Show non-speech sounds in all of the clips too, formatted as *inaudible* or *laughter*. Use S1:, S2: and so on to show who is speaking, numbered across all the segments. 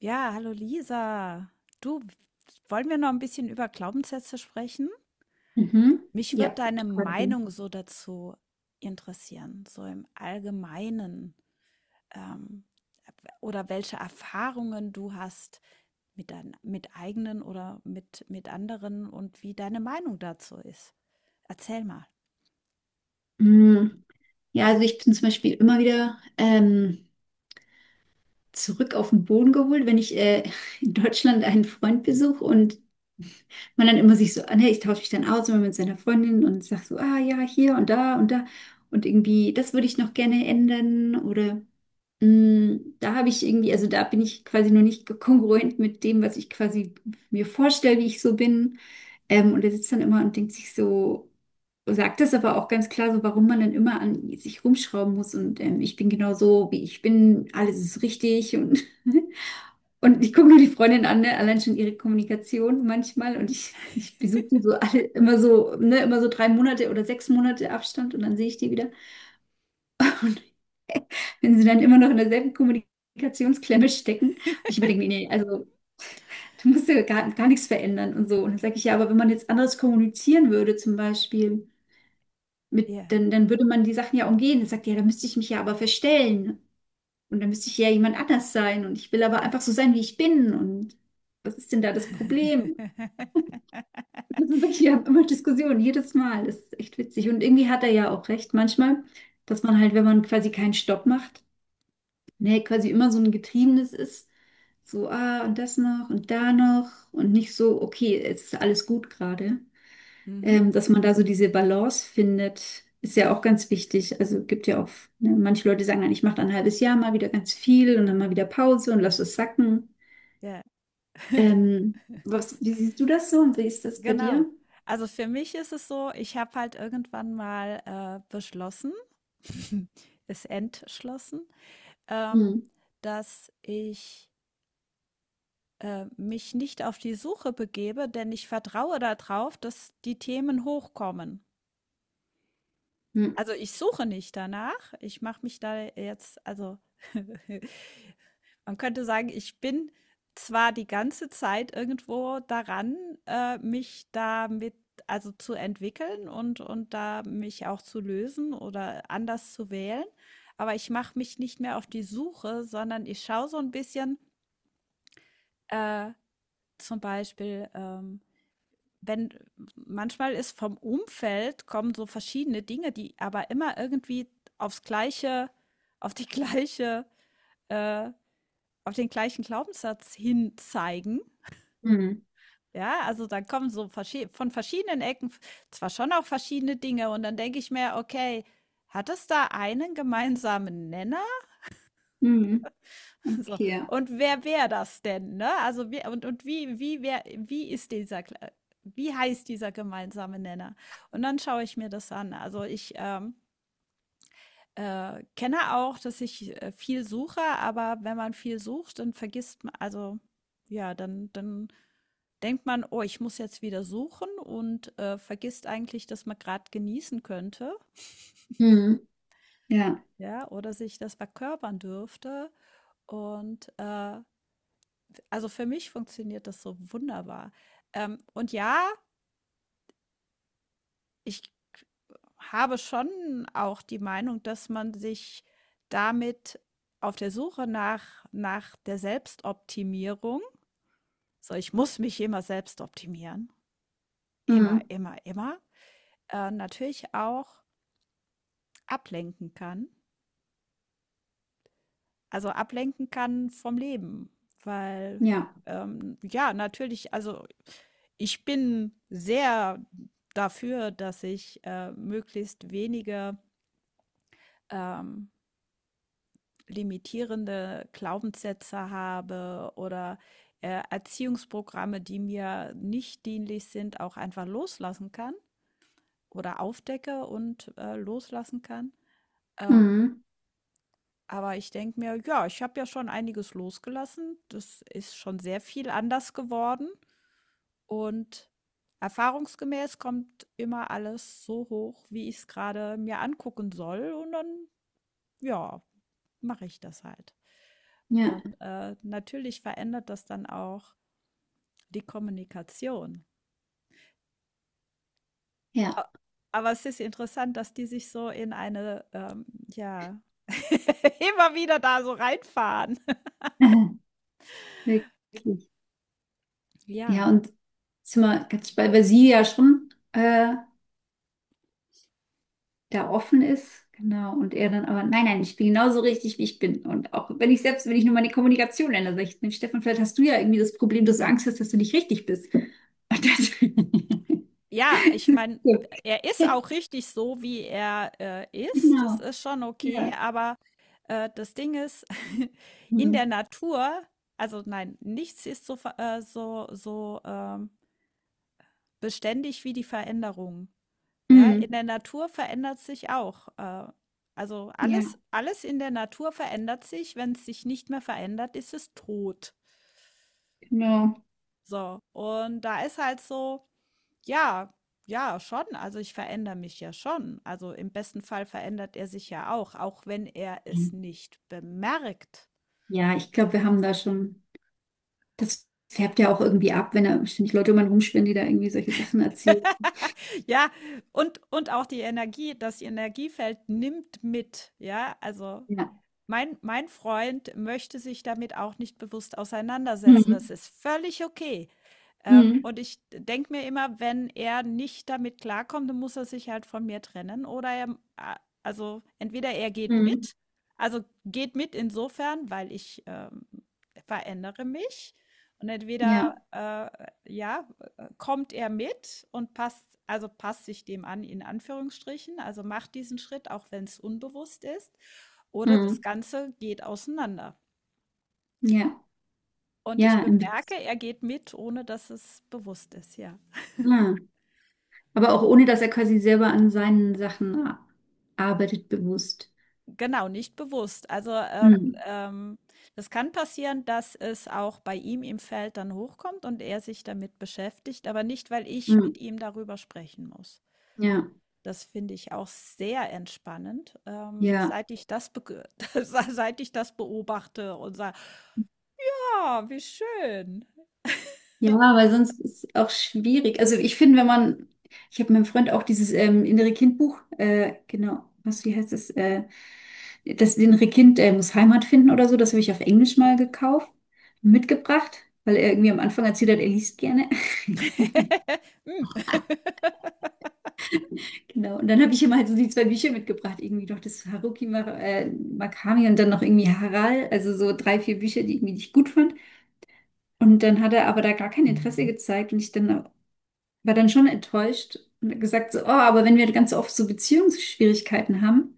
S1: Ja, hallo Lisa. Du, wollen wir noch ein bisschen über Glaubenssätze sprechen?
S2: Mhm.
S1: Mich
S2: Ja,
S1: würde deine
S2: total viel.
S1: Meinung so dazu interessieren, so im Allgemeinen. Ähm, oder welche Erfahrungen du hast mit deinen, mit eigenen oder mit anderen und wie deine Meinung dazu ist. Erzähl mal.
S2: Mm, ja, also ich bin zum Beispiel immer wieder zurück auf den Boden geholt, wenn ich *laughs* in Deutschland einen Freund besuche und man dann immer sich so, ah, nee, ich tausche mich dann aus immer mit seiner Freundin und sag so, ah ja, hier und da und da und irgendwie, das würde ich noch gerne ändern oder mm, da habe ich irgendwie, also da bin ich quasi noch nicht kongruent mit dem, was ich quasi mir vorstelle, wie ich so bin. Und er sitzt dann immer und denkt sich so, so sagt das aber auch ganz klar, so warum man dann immer an sich rumschrauben muss und ich bin genau so, wie ich bin, alles ist richtig und, *laughs* und ich gucke nur die Freundin an, ne? Allein schon ihre Kommunikation manchmal und ich besuche die so alle immer so, ne? Immer so drei Monate oder sechs Monate Abstand und dann sehe ich die wieder, wenn sie dann immer noch in derselben Kommunikationsklemme stecken. Und ich überdenke mir, nee, also du musst ja gar, gar nichts verändern und so. Und dann sage ich ja, aber wenn man jetzt anders kommunizieren würde zum Beispiel. Mit,
S1: Ja.
S2: dann würde man die Sachen ja umgehen. Dann sagt, ja, da müsste ich mich ja aber verstellen. Und dann müsste ich ja jemand anders sein. Und ich will aber einfach so sein, wie ich bin. Und was ist denn da das Problem? *laughs* Wir sind wirklich, wir
S1: *laughs*
S2: haben immer Diskussionen, jedes Mal. Das ist echt witzig. Und irgendwie hat er ja auch recht manchmal, dass man halt, wenn man quasi keinen Stopp macht, ne, quasi immer so ein Getriebenes ist. So, ah, und das noch und da noch. Und nicht so, okay, es ist alles gut gerade.
S1: Mhm.
S2: Dass man da so diese Balance findet, ist ja auch ganz wichtig. Also gibt ja auch, ne, manche Leute sagen dann, ich mache dann ein halbes Jahr mal wieder ganz viel und dann mal wieder Pause und lass es sacken.
S1: Ja. *laughs*
S2: Wie siehst du das so und wie ist das bei
S1: Genau.
S2: dir?
S1: Also für mich ist es so, ich habe halt irgendwann mal beschlossen, *laughs* es entschlossen, ähm,
S2: Hm.
S1: dass ich mich nicht auf die Suche begebe, denn ich vertraue darauf, dass die Themen hochkommen.
S2: Hm.
S1: Also, ich suche nicht danach. Ich mache mich da jetzt also *laughs* man könnte sagen, ich bin zwar die ganze Zeit irgendwo daran, mich damit also zu entwickeln und da mich auch zu lösen oder anders zu wählen, aber ich mache mich nicht mehr auf die Suche, sondern ich schaue so ein bisschen, äh, zum Beispiel, wenn manchmal ist vom Umfeld kommen so verschiedene Dinge, die aber immer irgendwie aufs gleiche, auf die gleiche, äh, auf den gleichen Glaubenssatz hin zeigen.
S2: Hm.
S1: Ja, also dann kommen so von verschiedenen Ecken zwar schon auch verschiedene Dinge und dann denke ich mir, okay, hat es da einen gemeinsamen Nenner.
S2: Hm.
S1: *laughs* So.
S2: Okay. Ja.
S1: Und wer wäre das denn, ne? Also wie, und wie, wie, wer, wie ist dieser, wie heißt dieser gemeinsame Nenner? Und dann schaue ich mir das an. Also ich kenne auch, dass ich viel suche, aber wenn man viel sucht, dann vergisst man, also ja, dann denkt man, oh, ich muss jetzt wieder suchen und vergisst eigentlich, dass man gerade genießen könnte,
S2: Hm. Ja.
S1: ja, oder sich das verkörpern dürfte. Und äh, Also für mich funktioniert das so wunderbar. Und ja, ich habe schon auch die Meinung, dass man sich damit auf der Suche nach der Selbstoptimierung, so ich muss mich immer selbst optimieren,
S2: Hm.
S1: immer, immer, immer, natürlich auch ablenken kann. Also, ablenken kann vom Leben, weil,
S2: Ja.
S1: ja, natürlich also, ich bin sehr dafür, dass ich, möglichst wenige, ähm, limitierende Glaubenssätze habe oder, Erziehungsprogramme, die mir nicht dienlich sind, auch einfach loslassen kann oder aufdecke und, loslassen kann.
S2: Hm.
S1: Aber ich denke mir: „Ja, ich habe ja schon einiges losgelassen. Das ist schon sehr viel anders geworden.“ Und erfahrungsgemäß kommt immer alles so hoch, wie ich es gerade mir angucken soll und dann, ja, mache ich das halt.
S2: Ja.
S1: Und, natürlich verändert das dann auch die Kommunikation. A
S2: Ja.
S1: aber es ist interessant, dass die sich so in eine, ja, *laughs* immer wieder da so reinfahren. *laughs*
S2: *laughs* Wirklich. Ja,
S1: Ja.
S2: und sind wir ganz bei, weil sie ja schon. Da offen ist, genau, und er dann aber, nein, nein, ich bin genauso richtig, wie ich bin. Und auch wenn ich selbst, wenn ich nur meine Kommunikation ändere, sage ich, Stefan, vielleicht hast du ja irgendwie das Problem, dass du Angst hast, dass du nicht richtig bist. Und das, *laughs*
S1: Ja, ich meine,
S2: so.
S1: er ist auch richtig so, wie er, ist. Das
S2: Genau,
S1: ist schon okay,
S2: ja.
S1: aber, das Ding ist, *laughs* in der
S2: Mhm.
S1: Natur also nein, nichts ist so ver so beständig wie die Veränderung. Ja, in
S2: Mhm.
S1: der Natur verändert sich auch. Also
S2: Ja,
S1: alles in der Natur verändert sich. Wenn es sich nicht mehr verändert, ist es tot.
S2: genau.
S1: So, und da ist halt so. Ja, ja, schon. Also ich verändere mich ja schon. Also im besten Fall verändert er sich ja auch, auch wenn er es
S2: Mhm.
S1: nicht bemerkt.
S2: Ja, ich glaube, wir haben da schon, das färbt ja auch irgendwie ab, wenn da ständig Leute um einen rumschwirren, die da irgendwie solche Sachen erzählen.
S1: *laughs* Ja, und auch die Energie, das Energiefeld nimmt mit. Ja, also
S2: Ja.
S1: mein Freund möchte sich damit auch nicht bewusst auseinandersetzen. Das
S2: Mhm.
S1: ist völlig okay.
S2: Mhm.
S1: Und ich denke mir immer, wenn er nicht damit klarkommt, dann muss er sich halt von mir trennen oder er, also entweder er geht
S2: Mhm.
S1: mit, also geht mit insofern, weil ich verändere mich und entweder
S2: Ja.
S1: äh, ja, kommt er mit und passt, also passt sich dem an, in Anführungsstrichen, also macht diesen Schritt, auch wenn es unbewusst ist, oder das
S2: Mhm.
S1: Ganze geht auseinander.
S2: Ja.
S1: Und ich
S2: Ja, im Beziehung.
S1: bemerke, er geht mit, ohne dass es bewusst ist, ja.
S2: Aber auch ohne, dass er quasi selber an seinen Sachen arbeitet, bewusst.
S1: Genau, nicht bewusst. Also,
S2: Hm.
S1: ähm, das kann passieren, dass es auch bei ihm im Feld dann hochkommt und er sich damit beschäftigt, aber nicht, weil ich
S2: Hm.
S1: mit ihm darüber sprechen muss.
S2: Ja,
S1: Das finde ich auch sehr entspannend,
S2: ja,
S1: seit ich das *laughs* seit ich das beobachte und sage, ah, wie schön.
S2: ja, weil sonst ist es auch schwierig. Also ich finde, wenn man, ich habe meinem Freund auch dieses innere Kindbuch, genau, was, wie heißt es, das innere Kind muss Heimat finden oder so, das habe ich auf Englisch mal
S1: Mhm.
S2: gekauft, mitgebracht, weil er irgendwie am Anfang erzählt hat, er liest gerne. *laughs*
S1: *laughs* Mm. *laughs*
S2: Genau. Und dann habe ich immer halt so die zwei Bücher mitgebracht, irgendwie noch das Haruki Mar Murakami und dann noch irgendwie Harald, also so drei, vier Bücher, die irgendwie nicht gut fand. Und dann hat er aber da gar kein Interesse gezeigt und ich dann war dann schon enttäuscht und gesagt so, oh, aber wenn wir ganz oft so Beziehungsschwierigkeiten haben,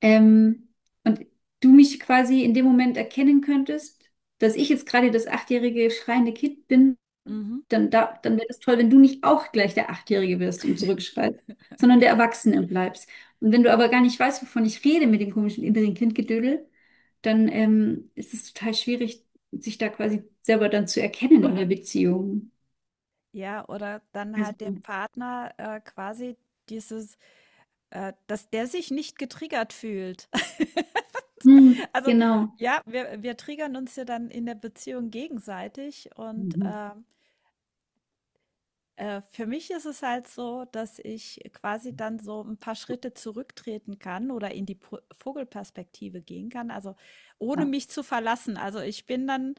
S2: ähm, und du mich quasi in dem Moment erkennen könntest, dass ich jetzt gerade das achtjährige schreiende Kind bin,
S1: Mhm.
S2: dann, da, dann wäre es toll, wenn du nicht auch gleich der Achtjährige wirst und zurückschreist, sondern der
S1: *laughs*
S2: Erwachsene bleibst. Und wenn du aber gar nicht weißt, wovon ich rede mit dem komischen inneren Kindgedödel, dann ist es total schwierig, sich da quasi selber dann zu erkennen in der Beziehung.
S1: Ja, oder dann halt dem
S2: Also,
S1: Partner quasi dieses dass der sich nicht getriggert fühlt. *laughs*
S2: hm,
S1: Also,
S2: genau.
S1: ja, wir triggern uns ja dann in der Beziehung gegenseitig und,
S2: Mhm.
S1: für mich ist es halt so, dass ich quasi dann so ein paar Schritte zurücktreten kann oder in die Po Vogelperspektive gehen kann, also, ohne
S2: Ja.
S1: mich zu verlassen. Also, ich bin dann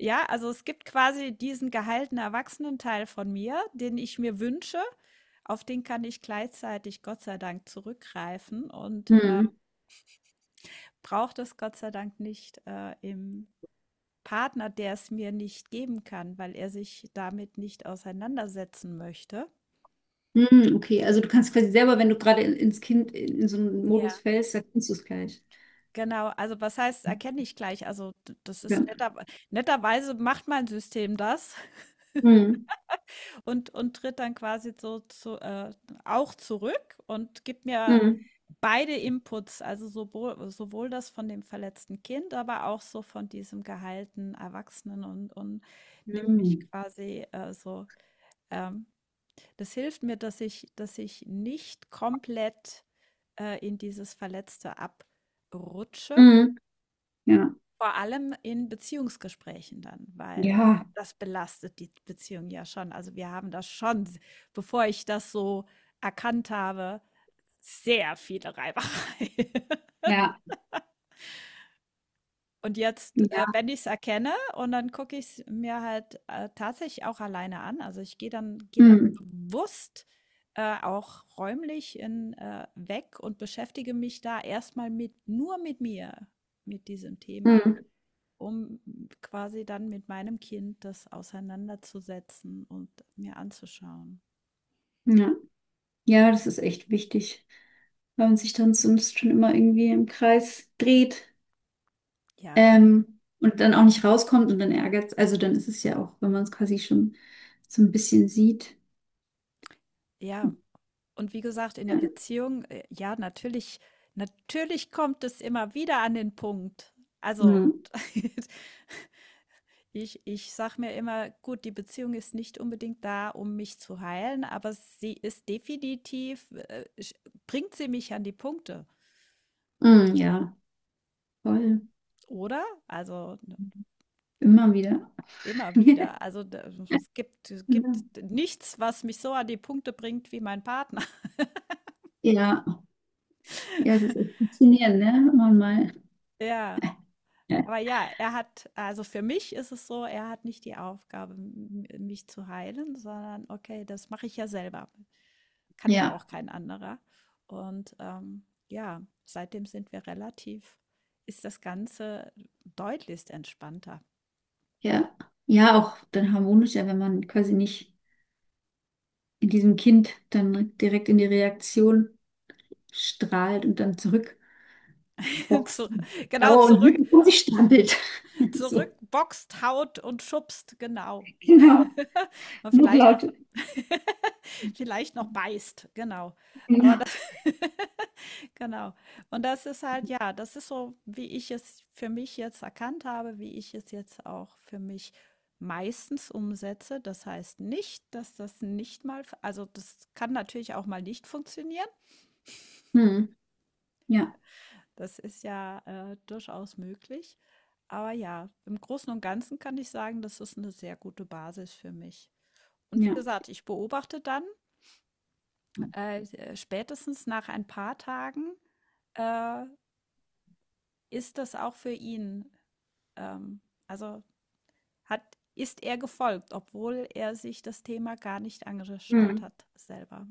S1: ja, also, es gibt quasi diesen geheilten Erwachsenenteil von mir, den ich mir wünsche. Auf den kann ich gleichzeitig Gott sei Dank zurückgreifen und,
S2: Hm.
S1: brauche das Gott sei Dank nicht im Partner, der es mir nicht geben kann, weil er sich damit nicht auseinandersetzen möchte.
S2: Hm, okay, also du kannst quasi selber, wenn du gerade in, ins Kind in so einen
S1: Ja.
S2: Modus fällst, dann kannst du es gleich.
S1: Genau, also was heißt, erkenne ich gleich. Also das
S2: Ja.
S1: ist netter, netterweise macht mein System das
S2: Hm,
S1: *laughs* und tritt dann quasi so zu, auch zurück und gibt mir
S2: hm,
S1: beide Inputs, also sowohl das von dem verletzten Kind, aber auch so von diesem geheilten Erwachsenen und nimmt mich
S2: hm,
S1: quasi so ähm, das hilft mir, dass ich nicht komplett in dieses Verletzte abrutsche.
S2: hm, ja,
S1: Vor allem in Beziehungsgesprächen dann, weil
S2: ja,
S1: das belastet die Beziehung ja schon. Also wir haben das schon, bevor ich das so erkannt habe, sehr viele Reibereien. *laughs*
S2: ja,
S1: Und jetzt,
S2: ja,
S1: wenn ich es erkenne und dann gucke ich es mir halt, tatsächlich auch alleine an. Also, ich gehe dann
S2: hm,
S1: bewusst, auch räumlich in weg und beschäftige mich da erstmal mit nur mit mir, mit diesem Thema,
S2: hm,
S1: um quasi dann mit meinem Kind das auseinanderzusetzen und mir anzuschauen.
S2: ja. Ja, das ist echt wichtig, weil man sich dann sonst schon immer irgendwie im Kreis dreht,
S1: Ja,
S2: und dann auch nicht rauskommt und dann ärgert. Also dann ist es ja auch, wenn man es quasi schon so ein bisschen sieht.
S1: ja. Und wie gesagt, in
S2: Ja,
S1: der Beziehung, ja, natürlich kommt es immer wieder an den Punkt. Also,
S2: hm,
S1: *laughs* ich sage mir immer, gut, die Beziehung ist nicht unbedingt da, um mich zu heilen, aber sie ist definitiv, bringt sie mich an die Punkte,
S2: hm, ja, voll,
S1: oder? Also,
S2: immer wieder.
S1: immer
S2: *laughs*
S1: wieder. Also, es gibt
S2: Genau.
S1: nichts, was mich so an die Punkte bringt wie mein Partner.
S2: Ja. Ja, es ist echt
S1: *laughs*
S2: faszinierend, ne? Wenn man mal.
S1: Ja.
S2: Ja,
S1: Aber ja, er hat, also für mich ist es so, er hat nicht die Aufgabe, mich zu heilen, sondern okay, das mache ich ja selber. Kann ja
S2: ja,
S1: auch kein anderer. Und ja, seitdem sind wir relativ, ist das Ganze deutlichst entspannter.
S2: ja. Ja, auch dann harmonischer, wenn man quasi nicht in diesem Kind dann direkt in die Reaktion strahlt und dann zurückboxt.
S1: *laughs* Zu, genau,
S2: Dauer und
S1: zurück,
S2: wütend um sich strampelt. *laughs* So,
S1: zurück, boxt, haut und schubst, genau.
S2: genau.
S1: *laughs* Und vielleicht noch,
S2: Notlaute.
S1: *laughs* vielleicht noch beißt, genau.
S2: Genau.
S1: Aber Genau. Und das ist halt, ja, das ist so, wie ich es für mich jetzt erkannt habe, wie ich es jetzt auch für mich meistens umsetze. Das heißt nicht, dass das nicht mal, also das kann natürlich auch mal nicht funktionieren.
S2: Hm. Ja,
S1: Das ist ja durchaus möglich. Aber ja, im Großen und Ganzen kann ich sagen, das ist eine sehr gute Basis für mich. Und wie
S2: ja.
S1: gesagt, ich beobachte dann spätestens nach ein paar Tagen, äh, ist das auch für ihn Ähm, also hat, ist er gefolgt, obwohl er sich das Thema gar nicht
S2: Hm.
S1: angeschaut hat selber.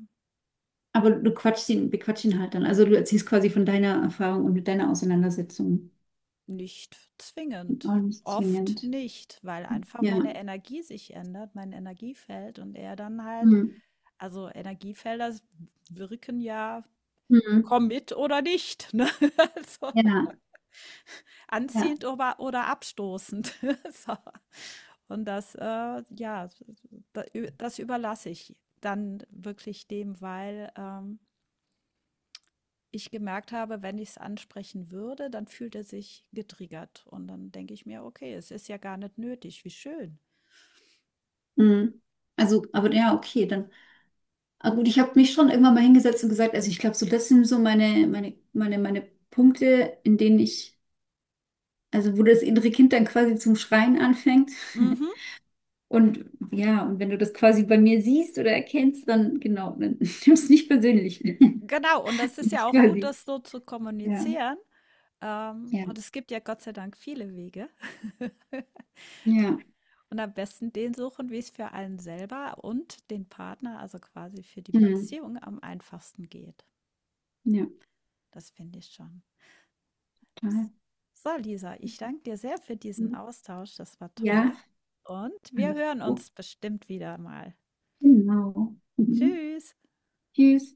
S2: Aber du quatschst ihn, bequatschst ihn halt dann. Also du erzählst quasi von deiner Erfahrung und mit deiner Auseinandersetzung.
S1: Nicht
S2: Auch
S1: zwingend.
S2: nicht
S1: Oft
S2: zwingend.
S1: nicht, weil einfach
S2: Ja.
S1: meine Energie sich ändert, mein Energiefeld und er dann halt,
S2: Hm.
S1: also Energiefelder wirken ja
S2: Hm.
S1: komm mit oder nicht. Ne? *laughs* Also,
S2: Ja, ja.
S1: anziehend oder abstoßend. *laughs* so. Und das, ja, da- das überlasse ich dann wirklich dem, weil ich gemerkt habe, wenn ich es ansprechen würde, dann fühlt er sich getriggert. Und dann denke ich mir, okay, es ist ja gar nicht nötig, wie schön.
S2: Mhm. Also, aber ja, okay, dann. Ah, gut, ich habe mich schon irgendwann mal hingesetzt und gesagt, also ich glaube, so das sind so meine Punkte, in denen ich, also wo das innere Kind dann quasi zum Schreien anfängt. *laughs*
S1: Mhm.
S2: Und ja, und wenn du das quasi bei mir siehst oder erkennst, dann genau, dann *laughs* nimmst du es nicht persönlich. *laughs*
S1: Genau, und das ist ja
S2: Ich
S1: auch gut,
S2: quasi.
S1: das so zu
S2: Ja,
S1: kommunizieren.
S2: ja,
S1: Und es gibt ja Gott sei Dank viele Wege. *laughs*
S2: ja,
S1: Und am besten den suchen, wie es für einen selber und den Partner, also quasi für die
S2: mhm.
S1: Beziehung am einfachsten geht.
S2: Ja,
S1: Das finde ich schon.
S2: total.
S1: So, Lisa, ich danke dir sehr für diesen Austausch. Das war
S2: Ja,
S1: toll. Und
S2: fand
S1: wir
S2: ich.
S1: hören uns bestimmt wieder mal.
S2: Genau. Mhm.
S1: Tschüss.
S2: Tschüss.